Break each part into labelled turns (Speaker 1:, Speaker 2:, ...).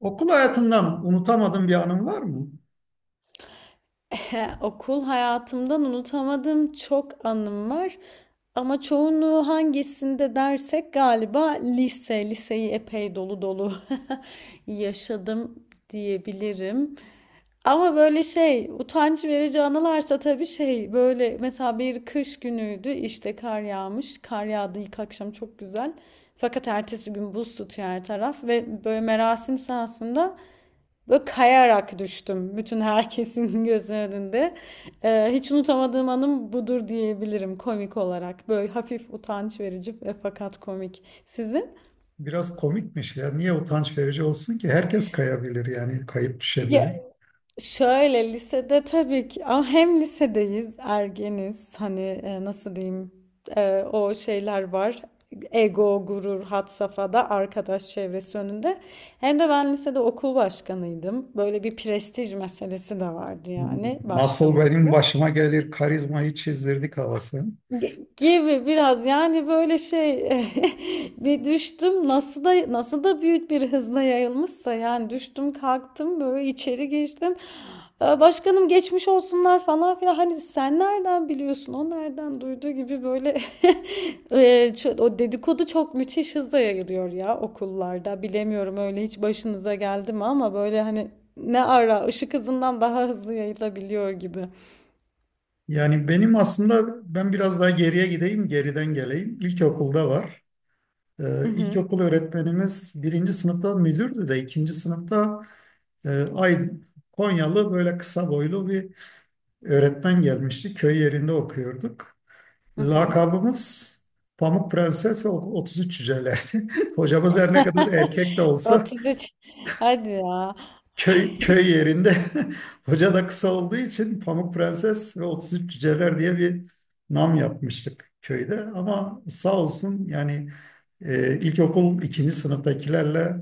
Speaker 1: Okul hayatından unutamadığın bir anın var mı?
Speaker 2: Okul hayatımdan unutamadığım çok anım var. Ama çoğunluğu hangisinde dersek galiba lise. Liseyi epey dolu dolu yaşadım diyebilirim. Ama böyle utanç verici anılarsa tabii böyle mesela bir kış günüydü işte kar yağmış. Kar yağdı ilk akşam çok güzel. Fakat ertesi gün buz tutuyor her taraf ve böyle merasim sahasında böyle kayarak düştüm bütün herkesin gözünün önünde. Hiç unutamadığım anım budur diyebilirim komik olarak. Böyle hafif utanç verici ve fakat komik. Sizin?
Speaker 1: Biraz komikmiş ya. Niye utanç verici olsun ki? Herkes kayabilir yani kayıp
Speaker 2: Ya,
Speaker 1: düşebilir.
Speaker 2: şöyle lisede tabii ki ama hem lisedeyiz, ergeniz. Hani nasıl diyeyim? O şeyler var. Ego, gurur, had safhada arkadaş çevresi önünde. Hem de ben lisede okul başkanıydım. Böyle bir prestij meselesi de vardı yani
Speaker 1: Nasıl
Speaker 2: başkan
Speaker 1: benim
Speaker 2: olmak.
Speaker 1: başıma gelir karizmayı çizdirdik havası.
Speaker 2: Gibi biraz yani böyle şey. Bir düştüm nasıl da nasıl da büyük bir hızla yayılmışsa yani düştüm kalktım böyle içeri geçtim. "Aa, Başkanım geçmiş olsunlar" falan filan, hani sen nereden biliyorsun, o nereden duyduğu gibi böyle. O dedikodu çok müthiş hızla yayılıyor ya okullarda, bilemiyorum, öyle hiç başınıza geldi mi ama böyle hani ne ara ışık hızından daha hızlı yayılabiliyor gibi.
Speaker 1: Yani benim aslında ben biraz daha geriye gideyim, geriden geleyim. İlkokulda var.
Speaker 2: Hı hı.
Speaker 1: İlkokul öğretmenimiz birinci sınıfta müdürdü de ikinci sınıfta e, Aydın, Konyalı böyle kısa boylu bir öğretmen gelmişti. Köy yerinde okuyorduk.
Speaker 2: Hı hı.
Speaker 1: Lakabımız Pamuk Prenses ve 33 Cücelerdi. Hocamız her ne kadar erkek de olsa
Speaker 2: 33. Hadi ya.
Speaker 1: köy yerinde hoca da kısa olduğu için Pamuk Prenses ve 33 Cüceler diye bir nam yapmıştık köyde. Ama sağ olsun yani ilkokul ikinci sınıftakilerle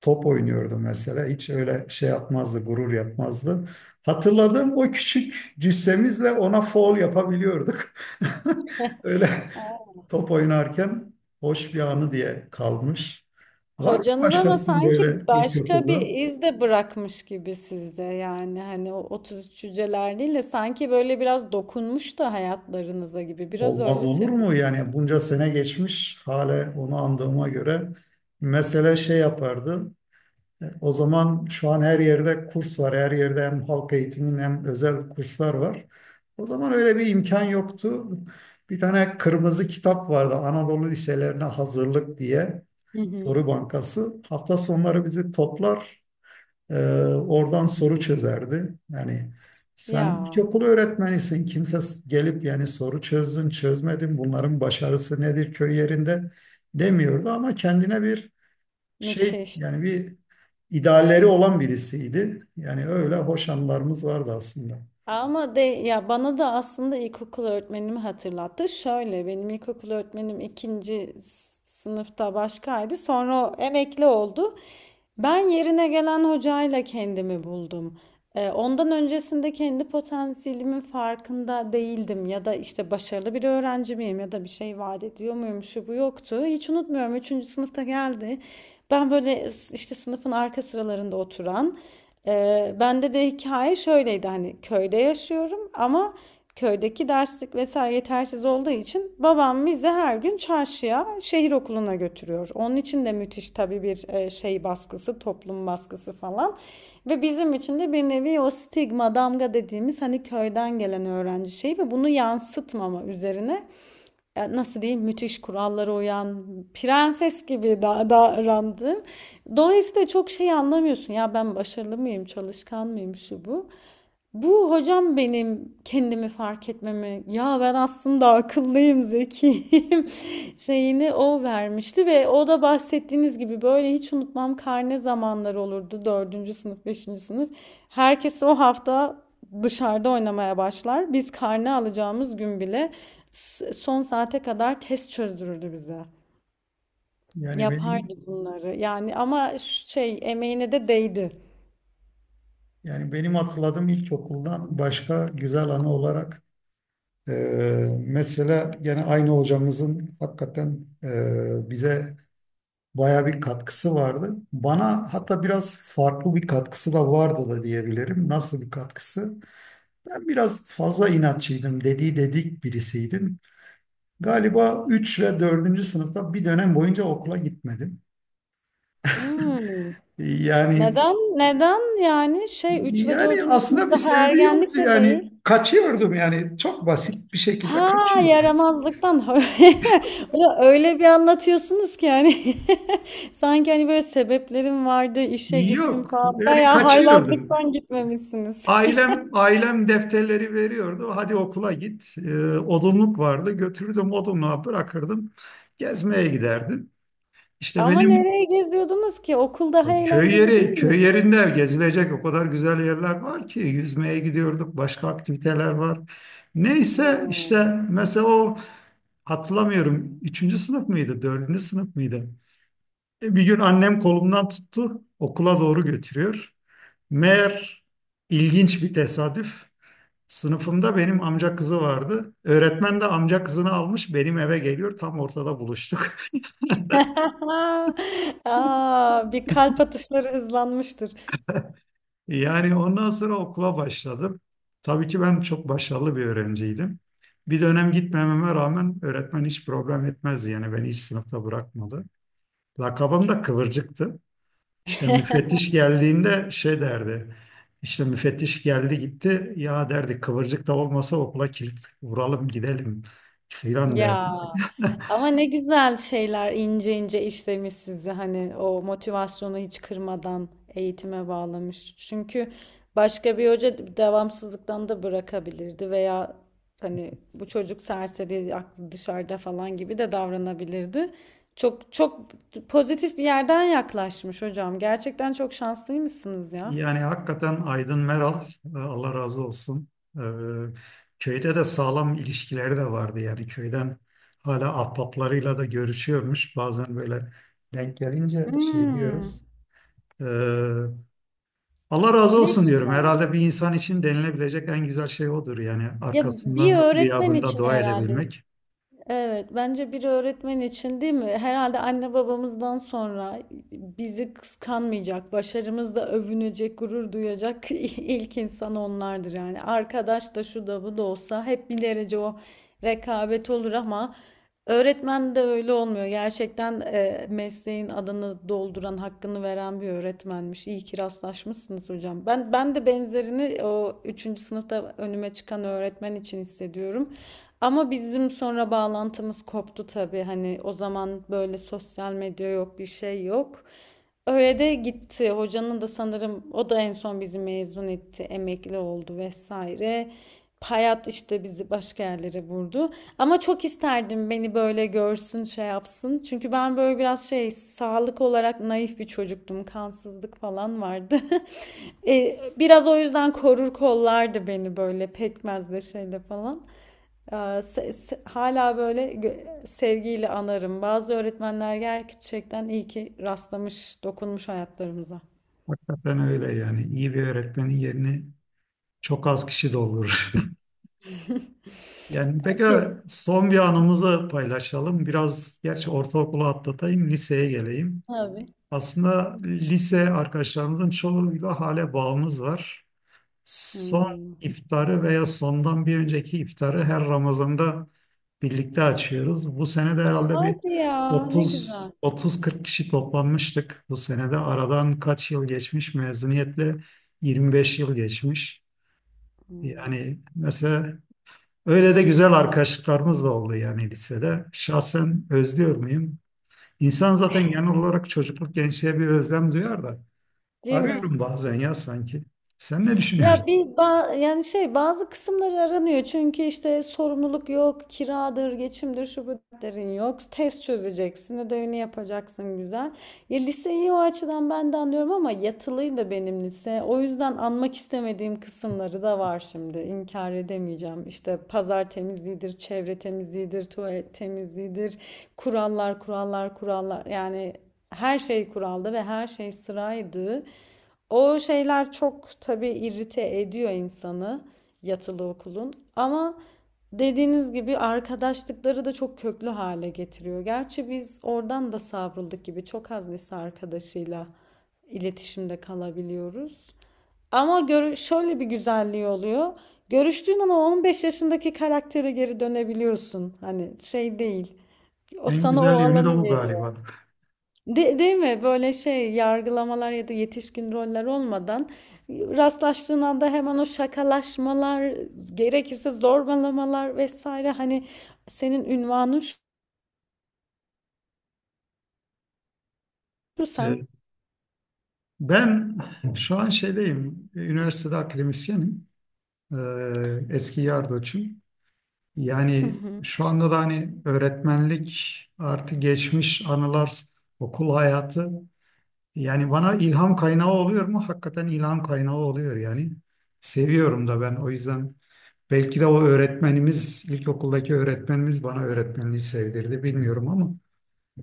Speaker 1: top oynuyordu mesela. Hiç öyle şey yapmazdı, gurur yapmazdı. Hatırladığım o küçük cüssemizle ona foul yapabiliyorduk. Öyle
Speaker 2: Aa.
Speaker 1: top oynarken hoş bir anı diye kalmış. Var mı
Speaker 2: Hocanız ama
Speaker 1: başkasının böyle
Speaker 2: sanki başka bir
Speaker 1: ilkokuldan?
Speaker 2: iz de bırakmış gibi sizde. Yani hani o 33 cüceler değil de sanki böyle biraz dokunmuş da hayatlarınıza gibi. Biraz
Speaker 1: Olmaz
Speaker 2: öyle
Speaker 1: olur mu?
Speaker 2: sezin.
Speaker 1: Yani bunca sene geçmiş, hala onu andığıma göre mesele şey yapardı. O zaman şu an her yerde kurs var. Her yerde hem halk eğitimin hem özel kurslar var. O zaman öyle bir imkan yoktu. Bir tane kırmızı kitap vardı Anadolu Liselerine Hazırlık diye
Speaker 2: Hı hı.
Speaker 1: soru bankası. Hafta sonları bizi toplar, e, oradan soru çözerdi. Yani sen
Speaker 2: Ya
Speaker 1: ilkokul öğretmenisin. Gelip yani soru çözdün, çözmedin, bunların başarısı nedir köy yerinde demiyordu ama kendine bir şey
Speaker 2: müthiş.
Speaker 1: yani bir idealleri olan birisiydi. Yani öyle hoş anılarımız vardı aslında.
Speaker 2: Ama de ya bana da aslında ilkokul öğretmenimi hatırlattı. Şöyle benim ilkokul öğretmenim ikinci sınıfta başkaydı. Sonra o emekli oldu. Ben yerine gelen hocayla kendimi buldum. Ondan öncesinde kendi potansiyelimin farkında değildim ya da işte başarılı bir öğrenci miyim ya da bir şey vaat ediyor muyum şu bu yoktu. Hiç unutmuyorum, üçüncü sınıfta geldi. Ben böyle işte sınıfın arka sıralarında oturan. Bende de hikaye şöyleydi, hani köyde yaşıyorum ama köydeki derslik vesaire yetersiz olduğu için babam bizi her gün çarşıya, şehir okuluna götürüyor. Onun için de müthiş tabii bir şey baskısı, toplum baskısı falan. Ve bizim için de bir nevi o stigma, damga dediğimiz hani köyden gelen öğrenci şeyi ve bunu yansıtmama üzerine nasıl diyeyim, müthiş kurallara uyan prenses gibi davrandığım. Dolayısıyla çok şey anlamıyorsun. Ya ben başarılı mıyım, çalışkan mıyım, şu bu. Bu hocam benim kendimi fark etmemi, ya ben aslında akıllıyım zekiyim şeyini o vermişti ve o da bahsettiğiniz gibi böyle hiç unutmam, karne zamanları olurdu, dördüncü sınıf beşinci sınıf herkes o hafta dışarıda oynamaya başlar, biz karne alacağımız gün bile son saate kadar test çözdürürdü bize,
Speaker 1: Yani
Speaker 2: yapardı
Speaker 1: benim
Speaker 2: bunları yani. Ama şey, emeğine de değdi.
Speaker 1: yani benim hatırladığım ilkokuldan başka güzel anı olarak e, mesela gene aynı hocamızın hakikaten bize baya bir katkısı vardı. Bana hatta biraz farklı bir katkısı da vardı da diyebilirim. Nasıl bir katkısı? Ben biraz fazla inatçıydım, dedi dedik birisiydim. Galiba 3 ve 4. sınıfta bir dönem boyunca okula gitmedim.
Speaker 2: Hmm.
Speaker 1: Ee, Yani
Speaker 2: Neden? Neden yani, şey, 3 ve
Speaker 1: yani
Speaker 2: dördüncü
Speaker 1: aslında
Speaker 2: sınıf
Speaker 1: bir
Speaker 2: daha
Speaker 1: sebebi
Speaker 2: ergenlik
Speaker 1: yoktu.
Speaker 2: de
Speaker 1: Yani
Speaker 2: değil.
Speaker 1: kaçıyordum yani çok basit bir şekilde
Speaker 2: Ha,
Speaker 1: kaçıyordum.
Speaker 2: yaramazlıktan. Ulan öyle bir anlatıyorsunuz ki yani sanki hani böyle sebeplerim vardı, işe gittim
Speaker 1: Yok
Speaker 2: falan,
Speaker 1: yani
Speaker 2: bayağı
Speaker 1: kaçıyordum.
Speaker 2: haylazlıktan gitmemişsiniz.
Speaker 1: Ailem defterleri veriyordu. Hadi okula git. Odunluk vardı. Götürürdüm odunluğa bırakırdım. Gezmeye giderdim. İşte
Speaker 2: Ama
Speaker 1: benim
Speaker 2: nereye geziyordunuz ki? Okul daha
Speaker 1: Köy
Speaker 2: eğlenceli değil
Speaker 1: yeri,
Speaker 2: mi?
Speaker 1: köy yerinde gezilecek o kadar güzel yerler var ki yüzmeye gidiyorduk, başka aktiviteler var.
Speaker 2: Ha.
Speaker 1: Neyse işte mesela o hatırlamıyorum üçüncü sınıf mıydı, dördüncü sınıf mıydı? Bir gün annem kolumdan tuttu, okula doğru götürüyor. Meğer ilginç bir tesadüf. Sınıfımda benim amca kızı vardı. Öğretmen de amca kızını almış benim eve geliyor. Tam ortada buluştuk.
Speaker 2: Aa, bir kalp atışları hızlanmıştır.
Speaker 1: Yani ondan sonra okula başladım. Tabii ki ben çok başarılı bir öğrenciydim. Bir dönem gitmememe rağmen öğretmen hiç problem etmezdi. Yani beni hiç sınıfta bırakmadı. Lakabım da Kıvırcık'tı. İşte müfettiş geldiğinde şey derdi. İşte müfettiş geldi gitti. Ya derdi Kıvırcık da olmasa okula kilit vuralım gidelim filan derdi.
Speaker 2: Ya ama ne güzel şeyler, ince ince işlemiş sizi hani o motivasyonu hiç kırmadan eğitime bağlamış. Çünkü başka bir hoca devamsızlıktan da bırakabilirdi veya hani bu çocuk serseri, aklı dışarıda falan gibi de davranabilirdi. Çok çok pozitif bir yerden yaklaşmış hocam. Gerçekten çok şanslıymışsınız ya.
Speaker 1: Yani hakikaten Aydın Meral, Allah razı olsun. E, Köyde de sağlam ilişkileri de vardı yani köyden hala ahbaplarıyla da görüşüyormuş. Bazen böyle denk gelince şey
Speaker 2: Hmm,
Speaker 1: diyoruz. E, Allah razı
Speaker 2: ne
Speaker 1: olsun diyorum.
Speaker 2: güzel.
Speaker 1: Herhalde bir insan için denilebilecek en güzel şey odur yani
Speaker 2: Ya bir
Speaker 1: arkasından
Speaker 2: öğretmen
Speaker 1: gıyabında
Speaker 2: için
Speaker 1: dua
Speaker 2: herhalde.
Speaker 1: edebilmek.
Speaker 2: Evet, bence bir öğretmen için, değil mi? Herhalde anne babamızdan sonra bizi kıskanmayacak, başarımızla övünecek, gurur duyacak ilk insan onlardır yani. Arkadaş da şu da bu da olsa hep bir derece o rekabet olur ama öğretmen de öyle olmuyor. Gerçekten mesleğin adını dolduran, hakkını veren bir öğretmenmiş. İyi ki rastlaşmışsınız hocam. Ben de benzerini o üçüncü sınıfta önüme çıkan öğretmen için hissediyorum. Ama bizim sonra bağlantımız koptu tabii. Hani o zaman böyle sosyal medya yok, bir şey yok. Öyle de gitti. Hocanın da sanırım o da en son bizi mezun etti, emekli oldu vesaire. Hayat işte bizi başka yerlere vurdu. Ama çok isterdim beni böyle görsün, şey yapsın. Çünkü ben böyle biraz şey, sağlık olarak naif bir çocuktum. Kansızlık falan vardı. E, biraz o yüzden korur kollardı beni böyle pekmezle şeyle falan. Ee, Hala böyle sevgiyle anarım. Bazı öğretmenler gerçekten iyi ki rastlamış, dokunmuş hayatlarımıza.
Speaker 1: Hakikaten öyle yani iyi bir öğretmenin yerini çok az kişi doldurur. Yani peki
Speaker 2: Pe-
Speaker 1: son bir anımızı paylaşalım. Biraz gerçi ortaokulu atlatayım, liseye geleyim.
Speaker 2: Tabii.
Speaker 1: Aslında lise arkadaşlarımızın çoğuyla hale bağımız var. Son
Speaker 2: Hmm.
Speaker 1: iftarı veya sondan bir önceki iftarı her Ramazan'da birlikte açıyoruz. Bu sene de herhalde bir
Speaker 2: Hadi ya, ne
Speaker 1: 30
Speaker 2: güzel.
Speaker 1: 30-40 kişi toplanmıştık. Bu sene de aradan kaç yıl geçmiş? Mezuniyetle 25 yıl geçmiş.
Speaker 2: Hmm.
Speaker 1: Yani mesela öyle de güzel arkadaşlıklarımız da oldu yani lisede. Şahsen özlüyor muyum? İnsan zaten genel olarak çocukluk gençliğe bir özlem duyar da.
Speaker 2: Değil mi?
Speaker 1: Arıyorum bazen ya sanki. Sen ne
Speaker 2: Ya
Speaker 1: düşünüyorsun?
Speaker 2: bir yani şey, bazı kısımları aranıyor çünkü işte sorumluluk yok, kiradır, geçimdir, şu bu derin yok. Test çözeceksin, ödevini yapacaksın, güzel. Ya liseyi o açıdan ben de anlıyorum ama yatılıydı benim lise. O yüzden anmak istemediğim kısımları da var şimdi. İnkar edemeyeceğim. İşte pazar temizliğidir, çevre temizliğidir, tuvalet temizliğidir. Kurallar, kurallar, kurallar. Yani her şey kuraldı ve her şey sıraydı. O şeyler çok tabii irrite ediyor insanı, yatılı okulun. Ama dediğiniz gibi arkadaşlıkları da çok köklü hale getiriyor. Gerçi biz oradan da savrulduk gibi, çok az lise arkadaşıyla iletişimde kalabiliyoruz. Ama şöyle bir güzelliği oluyor. Görüştüğün an o 15 yaşındaki karaktere geri dönebiliyorsun. Hani şey değil. O
Speaker 1: En
Speaker 2: sana o
Speaker 1: güzel yönü de
Speaker 2: alanı
Speaker 1: bu
Speaker 2: veriyor.
Speaker 1: galiba.
Speaker 2: Değil mi? Böyle şey yargılamalar ya da yetişkin roller olmadan rastlaştığın anda hemen o şakalaşmalar, gerekirse zorbalamalar vesaire, hani senin ünvanın şu sen.
Speaker 1: Ee, Ben şu an şeydeyim, üniversitede akademisyenim. Eski yardoçum.
Speaker 2: Hı
Speaker 1: Yani
Speaker 2: hı.
Speaker 1: şu anda da hani öğretmenlik artı geçmiş anılar, okul hayatı. Yani bana ilham kaynağı oluyor mu? Hakikaten ilham kaynağı oluyor yani. Seviyorum da ben o yüzden belki de o öğretmenimiz, ilkokuldaki öğretmenimiz bana öğretmenliği sevdirdi bilmiyorum ama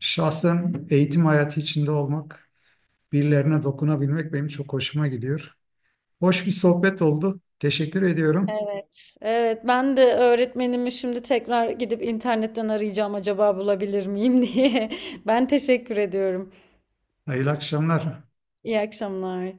Speaker 1: şahsen eğitim hayatı içinde olmak, birilerine dokunabilmek benim çok hoşuma gidiyor. Hoş bir sohbet oldu. Teşekkür ediyorum.
Speaker 2: Evet, evet. Ben de öğretmenimi şimdi tekrar gidip internetten arayacağım acaba bulabilir miyim diye. Ben teşekkür ediyorum.
Speaker 1: Hayırlı akşamlar.
Speaker 2: İyi akşamlar.